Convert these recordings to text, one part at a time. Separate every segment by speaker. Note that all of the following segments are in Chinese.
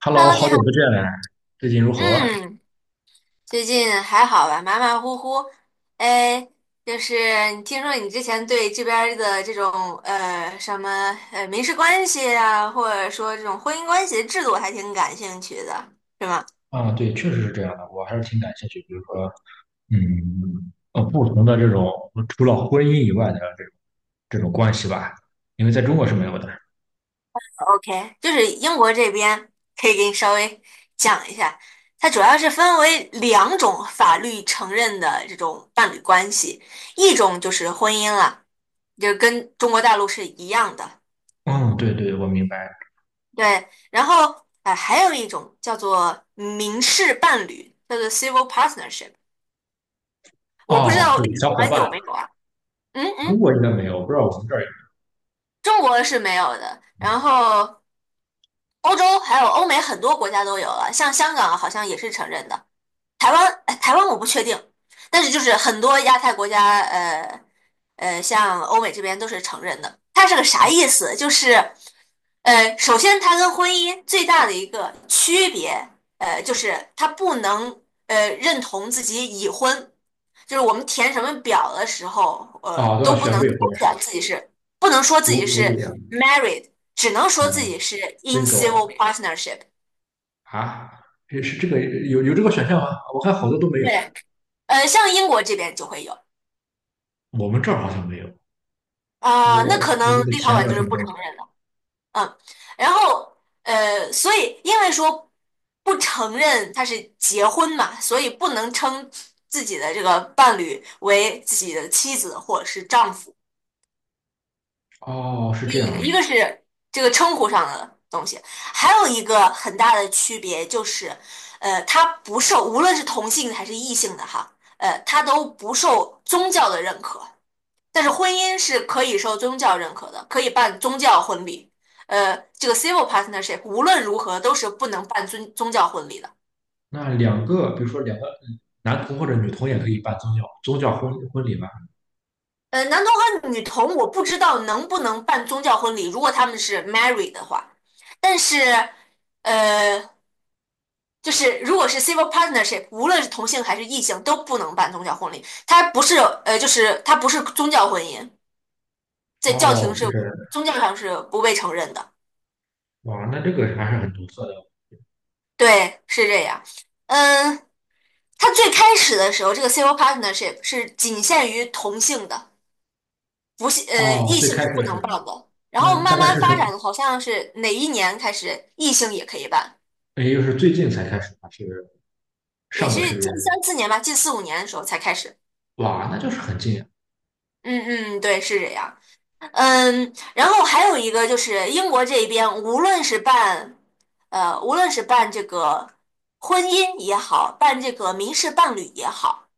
Speaker 1: Hello，
Speaker 2: Hello，你
Speaker 1: 好久不
Speaker 2: 好。
Speaker 1: 见，最近如何？
Speaker 2: 嗯，最近还好吧？马马虎虎。哎，就是你听说你之前对这边儿的这种呃什么呃民事关系啊，或者说这种婚姻关系的制度还挺感兴趣的，是吗
Speaker 1: 啊，对，确实是这样的，我还是挺感兴趣。比如说，不同的这种除了婚姻以外的这种关系吧，因为在中国是没有的。
Speaker 2: ？OK,就是英国这边可以给你稍微讲一下，它主要是分为两种法律承认的这种伴侣关系，一种就是婚姻了，就跟中国大陆是一样的。
Speaker 1: 嗯，对对，我明白。
Speaker 2: 对，然后还有一种叫做民事伴侣，叫做 civil partnership,我不知
Speaker 1: 哦，
Speaker 2: 道
Speaker 1: 是
Speaker 2: 立陶
Speaker 1: 小伙
Speaker 2: 宛
Speaker 1: 伴，
Speaker 2: 有没有啊？嗯
Speaker 1: 中
Speaker 2: 嗯，
Speaker 1: 国应该没有，不知道我们这儿有。
Speaker 2: 中国是没有的，然后欧洲还有欧美很多国家都有了，像香港好像也是承认的，台湾我不确定，但是就是很多亚太国家，像欧美这边都是承认的。它是个啥意思？就是，首先它跟婚姻最大的一个区别，就是它不能认同自己已婚，就是我们填什么表的时候，
Speaker 1: 哦，都要
Speaker 2: 都不
Speaker 1: 选
Speaker 2: 能
Speaker 1: 未
Speaker 2: 勾
Speaker 1: 婚是
Speaker 2: 选
Speaker 1: 吧？
Speaker 2: 自己是，不能说自
Speaker 1: 独
Speaker 2: 己
Speaker 1: 独
Speaker 2: 是
Speaker 1: 立啊
Speaker 2: married,只能说自己是 in civil
Speaker 1: ，single
Speaker 2: partnership。
Speaker 1: 啊，也是这个有这个选项吗？我看好多都没有，
Speaker 2: 对，像英国这边就会有。
Speaker 1: 我们这儿好像没有。我
Speaker 2: 啊、那
Speaker 1: 我
Speaker 2: 可
Speaker 1: 我
Speaker 2: 能
Speaker 1: 就得
Speaker 2: 立陶
Speaker 1: 填
Speaker 2: 宛
Speaker 1: 点
Speaker 2: 就
Speaker 1: 什
Speaker 2: 是
Speaker 1: 么
Speaker 2: 不
Speaker 1: 东
Speaker 2: 承
Speaker 1: 西的？
Speaker 2: 认了，嗯，然后所以因为说不承认他是结婚嘛，所以不能称自己的这个伴侣为自己的妻子或者是丈夫，
Speaker 1: 哦，是
Speaker 2: 一
Speaker 1: 这
Speaker 2: 一
Speaker 1: 样。
Speaker 2: 个是这个称呼上的东西，还有一个很大的区别就是，他不受无论是同性还是异性的哈，他都不受宗教的认可。但是婚姻是可以受宗教认可的，可以办宗教婚礼。这个 civil partnership 无论如何都是不能办宗教婚礼的。
Speaker 1: 那两个，比如说两个男童或者女童也可以办宗教婚礼吧？
Speaker 2: 男同和女同我不知道能不能办宗教婚礼，如果他们是 married 的话。但是，呃，就是如果是 civil partnership,无论是同性还是异性都不能办宗教婚礼，它不是宗教婚姻，在教
Speaker 1: 哦，
Speaker 2: 廷
Speaker 1: 是
Speaker 2: 是
Speaker 1: 这样的。
Speaker 2: 宗教上是不被承认的。
Speaker 1: 哇，那这个还是很独特的。
Speaker 2: 对，是这样。嗯，它最开始的时候，这个 civil partnership 是仅限于同性的，不是
Speaker 1: 哦，
Speaker 2: 异
Speaker 1: 最
Speaker 2: 性
Speaker 1: 开
Speaker 2: 是
Speaker 1: 始
Speaker 2: 不
Speaker 1: 的时
Speaker 2: 能
Speaker 1: 候
Speaker 2: 办
Speaker 1: 呢，
Speaker 2: 的。然后
Speaker 1: 那大
Speaker 2: 慢
Speaker 1: 概是
Speaker 2: 慢
Speaker 1: 什
Speaker 2: 发
Speaker 1: 么？
Speaker 2: 展，好像是哪一年开始异性也可以办，
Speaker 1: 也就是最近才开始还是
Speaker 2: 也
Speaker 1: 上
Speaker 2: 是
Speaker 1: 个世纪？
Speaker 2: 近三四年吧，近四五年的时候才开始。
Speaker 1: 哇，那就是很近啊。
Speaker 2: 嗯嗯，对，是这样。嗯，然后还有一个就是英国这边，无论是办这个婚姻也好，办这个民事伴侣也好，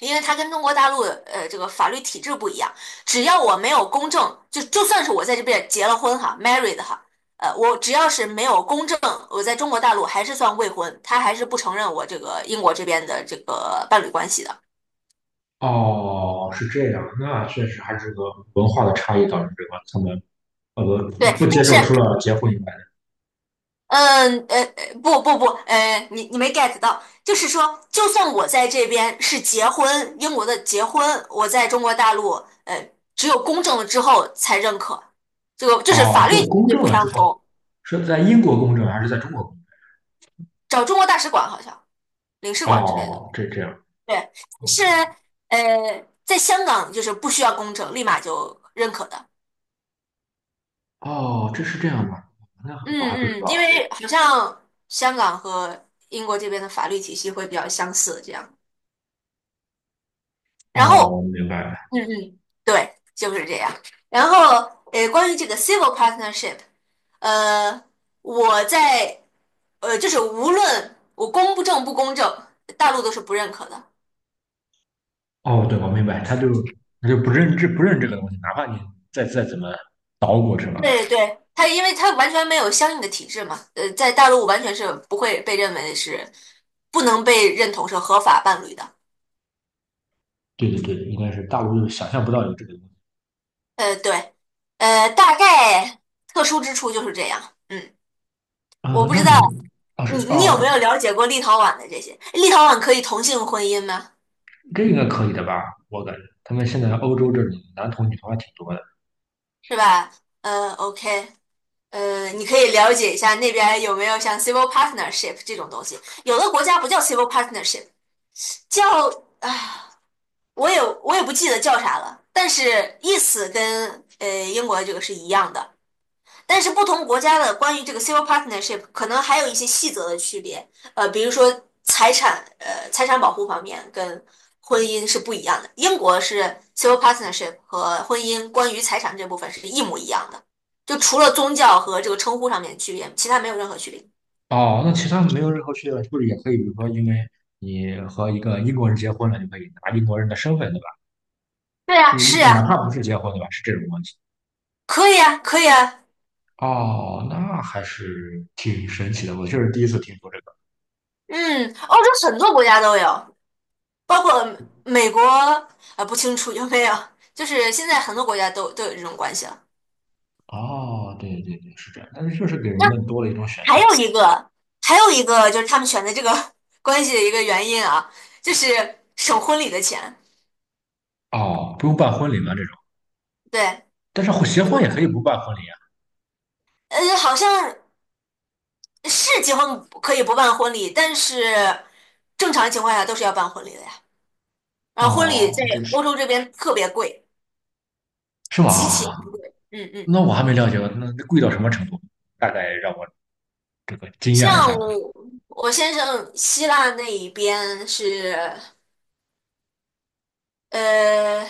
Speaker 2: 因为它跟中国大陆这个法律体制不一样，只要我没有公证，就算是我在这边结了婚哈，married 哈，我只要是没有公证，我在中国大陆还是算未婚，他还是不承认我这个英国这边的这个伴侣关系的。
Speaker 1: 哦，是这样，那确实还是个文化的差异导致这个他们呃
Speaker 2: 对，
Speaker 1: 不
Speaker 2: 但
Speaker 1: 接
Speaker 2: 是
Speaker 1: 受除了结婚以外的。
Speaker 2: 不不不，你没 get 到，就是说，就算我在这边是结婚，英国的结婚，我在中国大陆呃只有公证了之后才认可，这个就是
Speaker 1: 哦，
Speaker 2: 法
Speaker 1: 只
Speaker 2: 律
Speaker 1: 有
Speaker 2: 体
Speaker 1: 公
Speaker 2: 制
Speaker 1: 证
Speaker 2: 不
Speaker 1: 了之
Speaker 2: 相
Speaker 1: 后，
Speaker 2: 同。
Speaker 1: 是在英国公证还是在中国公
Speaker 2: 找中国大使馆好像领事
Speaker 1: 证？
Speaker 2: 馆之类的。
Speaker 1: 哦，这这样。
Speaker 2: 对，但
Speaker 1: o
Speaker 2: 是
Speaker 1: k
Speaker 2: 在香港就是不需要公证，立马就认可的。
Speaker 1: 哦，这是这样吗？那
Speaker 2: 嗯
Speaker 1: 我还不知
Speaker 2: 嗯，因
Speaker 1: 道。哎，
Speaker 2: 为好像香港和英国这边的法律体系会比较相似，这样。然
Speaker 1: 哦，我
Speaker 2: 后，
Speaker 1: 明白了。
Speaker 2: 嗯嗯，对，就是这样。然后，关于这个 civil partnership,呃，我在就是无论我公不正不公正，大陆都是不认可的。
Speaker 1: 哦，对，我明白，他就他就不认这个东西，哪怕你再怎么捣鼓什么。
Speaker 2: 对对，他因为他完全没有相应的体制嘛，在大陆完全是不会被认为是不能被认同是合法伴侣的。
Speaker 1: 对对对，应该是大陆就想象不到有这个东西。
Speaker 2: 对，大概特殊之处就是这样。嗯，我
Speaker 1: 嗯，
Speaker 2: 不
Speaker 1: 那
Speaker 2: 知道
Speaker 1: 你哦
Speaker 2: 你
Speaker 1: 是
Speaker 2: 你有没
Speaker 1: 哦，
Speaker 2: 有了解过立陶宛的这些？立陶宛可以同性婚姻吗？
Speaker 1: 这应该可以的吧？我感觉他们现在欧洲这里男同女同还挺多的。
Speaker 2: 是吧？OK,你可以了解一下那边有没有像 civil partnership 这种东西。有的国家不叫 civil partnership,叫啊。我也不记得叫啥了，但是意思跟英国的这个是一样的，但是不同国家的关于这个 civil partnership 可能还有一些细则的区别，比如说财产保护方面跟婚姻是不一样的，英国是 civil partnership 和婚姻关于财产这部分是一模一样的，就除了宗教和这个称呼上面的区别，其他没有任何区别。
Speaker 1: 哦，那其他没有任何区别，是不是也可以？比如说，因为你和一个英国人结婚了，你可以拿英国人的身份，对吧？
Speaker 2: 对呀，
Speaker 1: 嗯，
Speaker 2: 是
Speaker 1: 哪
Speaker 2: 呀，
Speaker 1: 怕不是结婚，对吧？是这种关系。
Speaker 2: 可以啊，可以啊，
Speaker 1: 哦，那还是挺神奇的，我确实第一次听说这个。
Speaker 2: 嗯，欧洲很多国家都有。包括美国，不清楚有没有，就是现在很多国家都有这种关系了。
Speaker 1: 哦，对对对，是这样，但是确实给人
Speaker 2: 那
Speaker 1: 们多了一种选
Speaker 2: 还
Speaker 1: 项。
Speaker 2: 有一个，还有一个就是他们选择这个 关系的一个原因啊，就是省婚礼的钱。
Speaker 1: 哦，不用办婚礼吗？这种，
Speaker 2: 对，
Speaker 1: 但是结婚也可以不办婚礼啊。
Speaker 2: 好像是结婚可以不办婚礼，但是正常情况下都是要办婚礼的呀。然后婚礼
Speaker 1: 哦，
Speaker 2: 在
Speaker 1: 这这是。
Speaker 2: 欧洲这边特别贵，
Speaker 1: 是
Speaker 2: 极其，
Speaker 1: 吗？
Speaker 2: 嗯嗯，
Speaker 1: 那我还没了解过，那那贵到什么程度？大概让我这个惊讶一
Speaker 2: 像
Speaker 1: 下吧。
Speaker 2: 我我先生希腊那一边是。呃，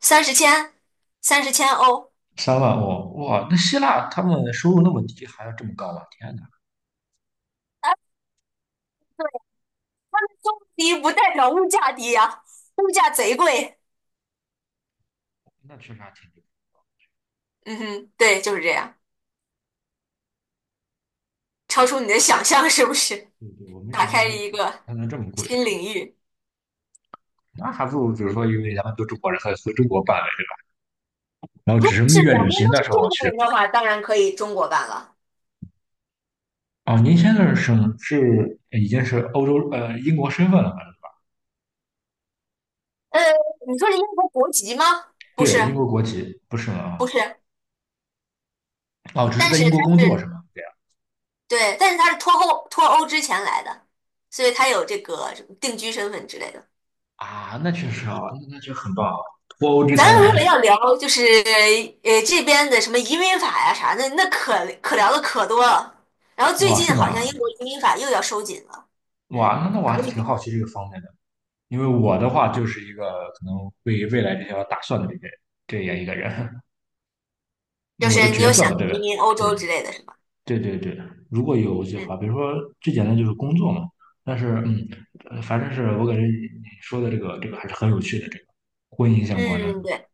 Speaker 2: 三十千，30,000欧，
Speaker 1: 三万哦，哇，那希腊他们收入那么低，还要这么高啊？天哪，
Speaker 2: 低不代表物价低呀，物价贼贵。
Speaker 1: 那确实还挺低。
Speaker 2: 嗯哼，对，就是这样，超出你的想象是不是？
Speaker 1: 对对，我没
Speaker 2: 打
Speaker 1: 想到
Speaker 2: 开了
Speaker 1: 他
Speaker 2: 一
Speaker 1: 他
Speaker 2: 个
Speaker 1: 它能这么贵，
Speaker 2: 新领域。
Speaker 1: 那还不如比如说，因为咱们都中国人，还回中国办呗。然后
Speaker 2: 如
Speaker 1: 只是
Speaker 2: 果
Speaker 1: 蜜
Speaker 2: 是
Speaker 1: 月
Speaker 2: 两
Speaker 1: 旅
Speaker 2: 边
Speaker 1: 行
Speaker 2: 都
Speaker 1: 的
Speaker 2: 是
Speaker 1: 时候我
Speaker 2: 中国
Speaker 1: 去
Speaker 2: 人
Speaker 1: 欧
Speaker 2: 的
Speaker 1: 洲。
Speaker 2: 话，当然可以中国办了。
Speaker 1: 哦，您现在是是已经是欧洲英国身份了吧？
Speaker 2: 呃，你说是英国国籍吗？不是，
Speaker 1: 对，英国国籍不是
Speaker 2: 不
Speaker 1: 吗？
Speaker 2: 是，
Speaker 1: 哦，只是
Speaker 2: 但
Speaker 1: 在
Speaker 2: 是
Speaker 1: 英
Speaker 2: 他
Speaker 1: 国工作是
Speaker 2: 是
Speaker 1: 吗？对。
Speaker 2: 对，但是他是脱欧之前来的，所以他有这个什么定居身份之类的。
Speaker 1: 啊，那确实啊，那那确实很棒。啊！脱欧之
Speaker 2: 咱
Speaker 1: 前
Speaker 2: 如
Speaker 1: 来，
Speaker 2: 果要聊，就是这边的什么移民法呀、啥的，那可聊的可多了。然后最
Speaker 1: 哇，是
Speaker 2: 近好像
Speaker 1: 吗？
Speaker 2: 英国移民法又要收紧了，
Speaker 1: 哇，那
Speaker 2: 嗯，
Speaker 1: 那我
Speaker 2: 可
Speaker 1: 还是挺好
Speaker 2: 以，
Speaker 1: 奇这个方面的，因为我的话就是一个可能未来这些打算的这个这样一个人，因
Speaker 2: 就
Speaker 1: 为我的
Speaker 2: 是你
Speaker 1: 角
Speaker 2: 有
Speaker 1: 色
Speaker 2: 想
Speaker 1: 嘛，对不
Speaker 2: 移民欧洲之
Speaker 1: 对。
Speaker 2: 类的是吧？
Speaker 1: 对对对，如果有计划，
Speaker 2: 嗯
Speaker 1: 比如说最简单就是工作嘛，但是嗯，反正是我感觉你你说的这个还是很有趣的，这个婚姻相关的，
Speaker 2: 嗯，对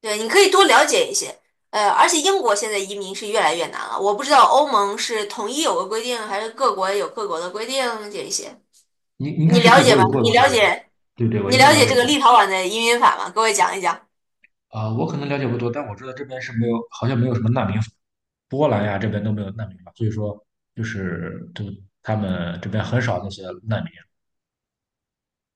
Speaker 2: 对，你可以多了解一些。而且英国现在移民是越来越难了，我不知道欧盟是统一有个规定，还是各国有各国的规定这一些，
Speaker 1: 应应该
Speaker 2: 你
Speaker 1: 是
Speaker 2: 了
Speaker 1: 各
Speaker 2: 解
Speaker 1: 国
Speaker 2: 吧？
Speaker 1: 有各
Speaker 2: 你
Speaker 1: 国的
Speaker 2: 了
Speaker 1: 规定，
Speaker 2: 解
Speaker 1: 对不对？我
Speaker 2: 你
Speaker 1: 应该
Speaker 2: 了
Speaker 1: 了
Speaker 2: 解
Speaker 1: 解一
Speaker 2: 这个
Speaker 1: 下。
Speaker 2: 立陶宛的移民法吗？给我讲一讲。
Speaker 1: 啊、我可能了解不多，但我知道这边是没有，好像没有什么难民法。波兰呀这边都没有难民法，所以说就是就他们这边很少那些难民，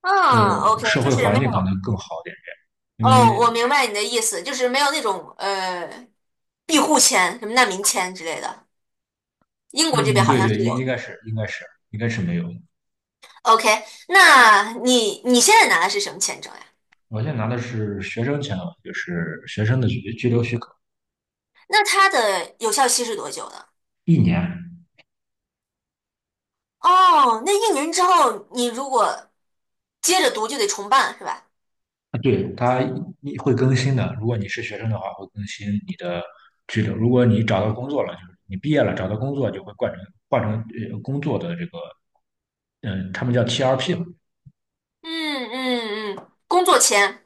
Speaker 2: 嗯
Speaker 1: 就
Speaker 2: ，OK,
Speaker 1: 社
Speaker 2: 就
Speaker 1: 会
Speaker 2: 是
Speaker 1: 环
Speaker 2: 没
Speaker 1: 境可
Speaker 2: 有。
Speaker 1: 能更好一点，因
Speaker 2: 哦，我
Speaker 1: 为
Speaker 2: 明白你的意思，就是没有那种庇护签、什么难民签之类的。英国这边
Speaker 1: 嗯，
Speaker 2: 好
Speaker 1: 对
Speaker 2: 像
Speaker 1: 对，
Speaker 2: 是有的。
Speaker 1: 应该是没有。
Speaker 2: OK,那你现在拿的是什么签证呀？
Speaker 1: 我现在拿的是学生签了，就是学生的居留许可，
Speaker 2: 那它的有效期是多久呢？
Speaker 1: 一年。
Speaker 2: 哦，那一年之后你如果接着读就得重办是吧？
Speaker 1: 啊，对，它一会更新的。如果你是学生的话，会更新你的居留。如果你找到工作了，就是你毕业了找到工作，就会换成工作的这个，嗯，他们叫 TRP 嘛，
Speaker 2: 嗯嗯嗯，工作签。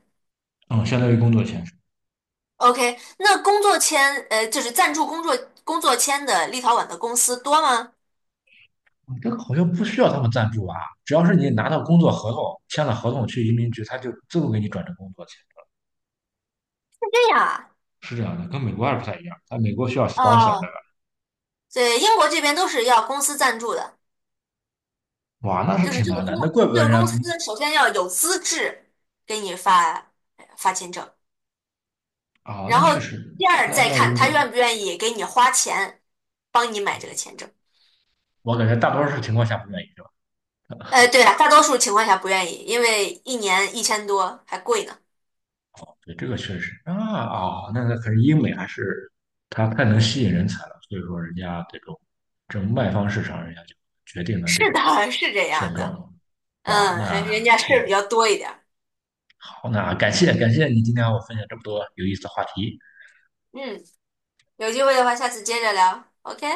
Speaker 1: 嗯，相当于工作签证。嗯，
Speaker 2: OK,那工作签就是赞助工作签的立陶宛的公司多吗？
Speaker 1: 这个好像不需要他们赞助吧？只要是你拿到工作合同，签了合同去移民局，他就自动给你转成工作签证。
Speaker 2: 对呀，
Speaker 1: 是这样的，跟美国还不太一样。在美国需要 sponsor 的
Speaker 2: 哦，对，英国这边都是要公司赞助的。
Speaker 1: 吧，哇，那是
Speaker 2: 就是
Speaker 1: 挺
Speaker 2: 这个
Speaker 1: 难的。那
Speaker 2: 公
Speaker 1: 怪不得
Speaker 2: 这个
Speaker 1: 人
Speaker 2: 公司
Speaker 1: 家
Speaker 2: 首先要有资质给你发签证，
Speaker 1: 啊，
Speaker 2: 然
Speaker 1: 那
Speaker 2: 后
Speaker 1: 确实，
Speaker 2: 第二
Speaker 1: 那
Speaker 2: 再
Speaker 1: 那
Speaker 2: 看
Speaker 1: 应该，
Speaker 2: 他愿不愿意给你花钱帮你买这个签证。
Speaker 1: 我感觉大多数情况下不愿意，对吧？
Speaker 2: 对了，大多数情况下不愿意，因为一年1000多还贵呢。
Speaker 1: 对，这个确实啊。啊，那那可是英美还是它太能吸引人才了，所以说人家这种这种卖方市场，人家就决定了这
Speaker 2: 是
Speaker 1: 种
Speaker 2: 的，是这
Speaker 1: 现
Speaker 2: 样
Speaker 1: 状。
Speaker 2: 的。
Speaker 1: 哇，
Speaker 2: 嗯，人
Speaker 1: 那
Speaker 2: 家事
Speaker 1: 是
Speaker 2: 儿比较多一点儿。
Speaker 1: 好，那感谢感谢你今天和我分享这么多有意思的话题。
Speaker 2: 嗯，有机会的话，下次接着聊。OK。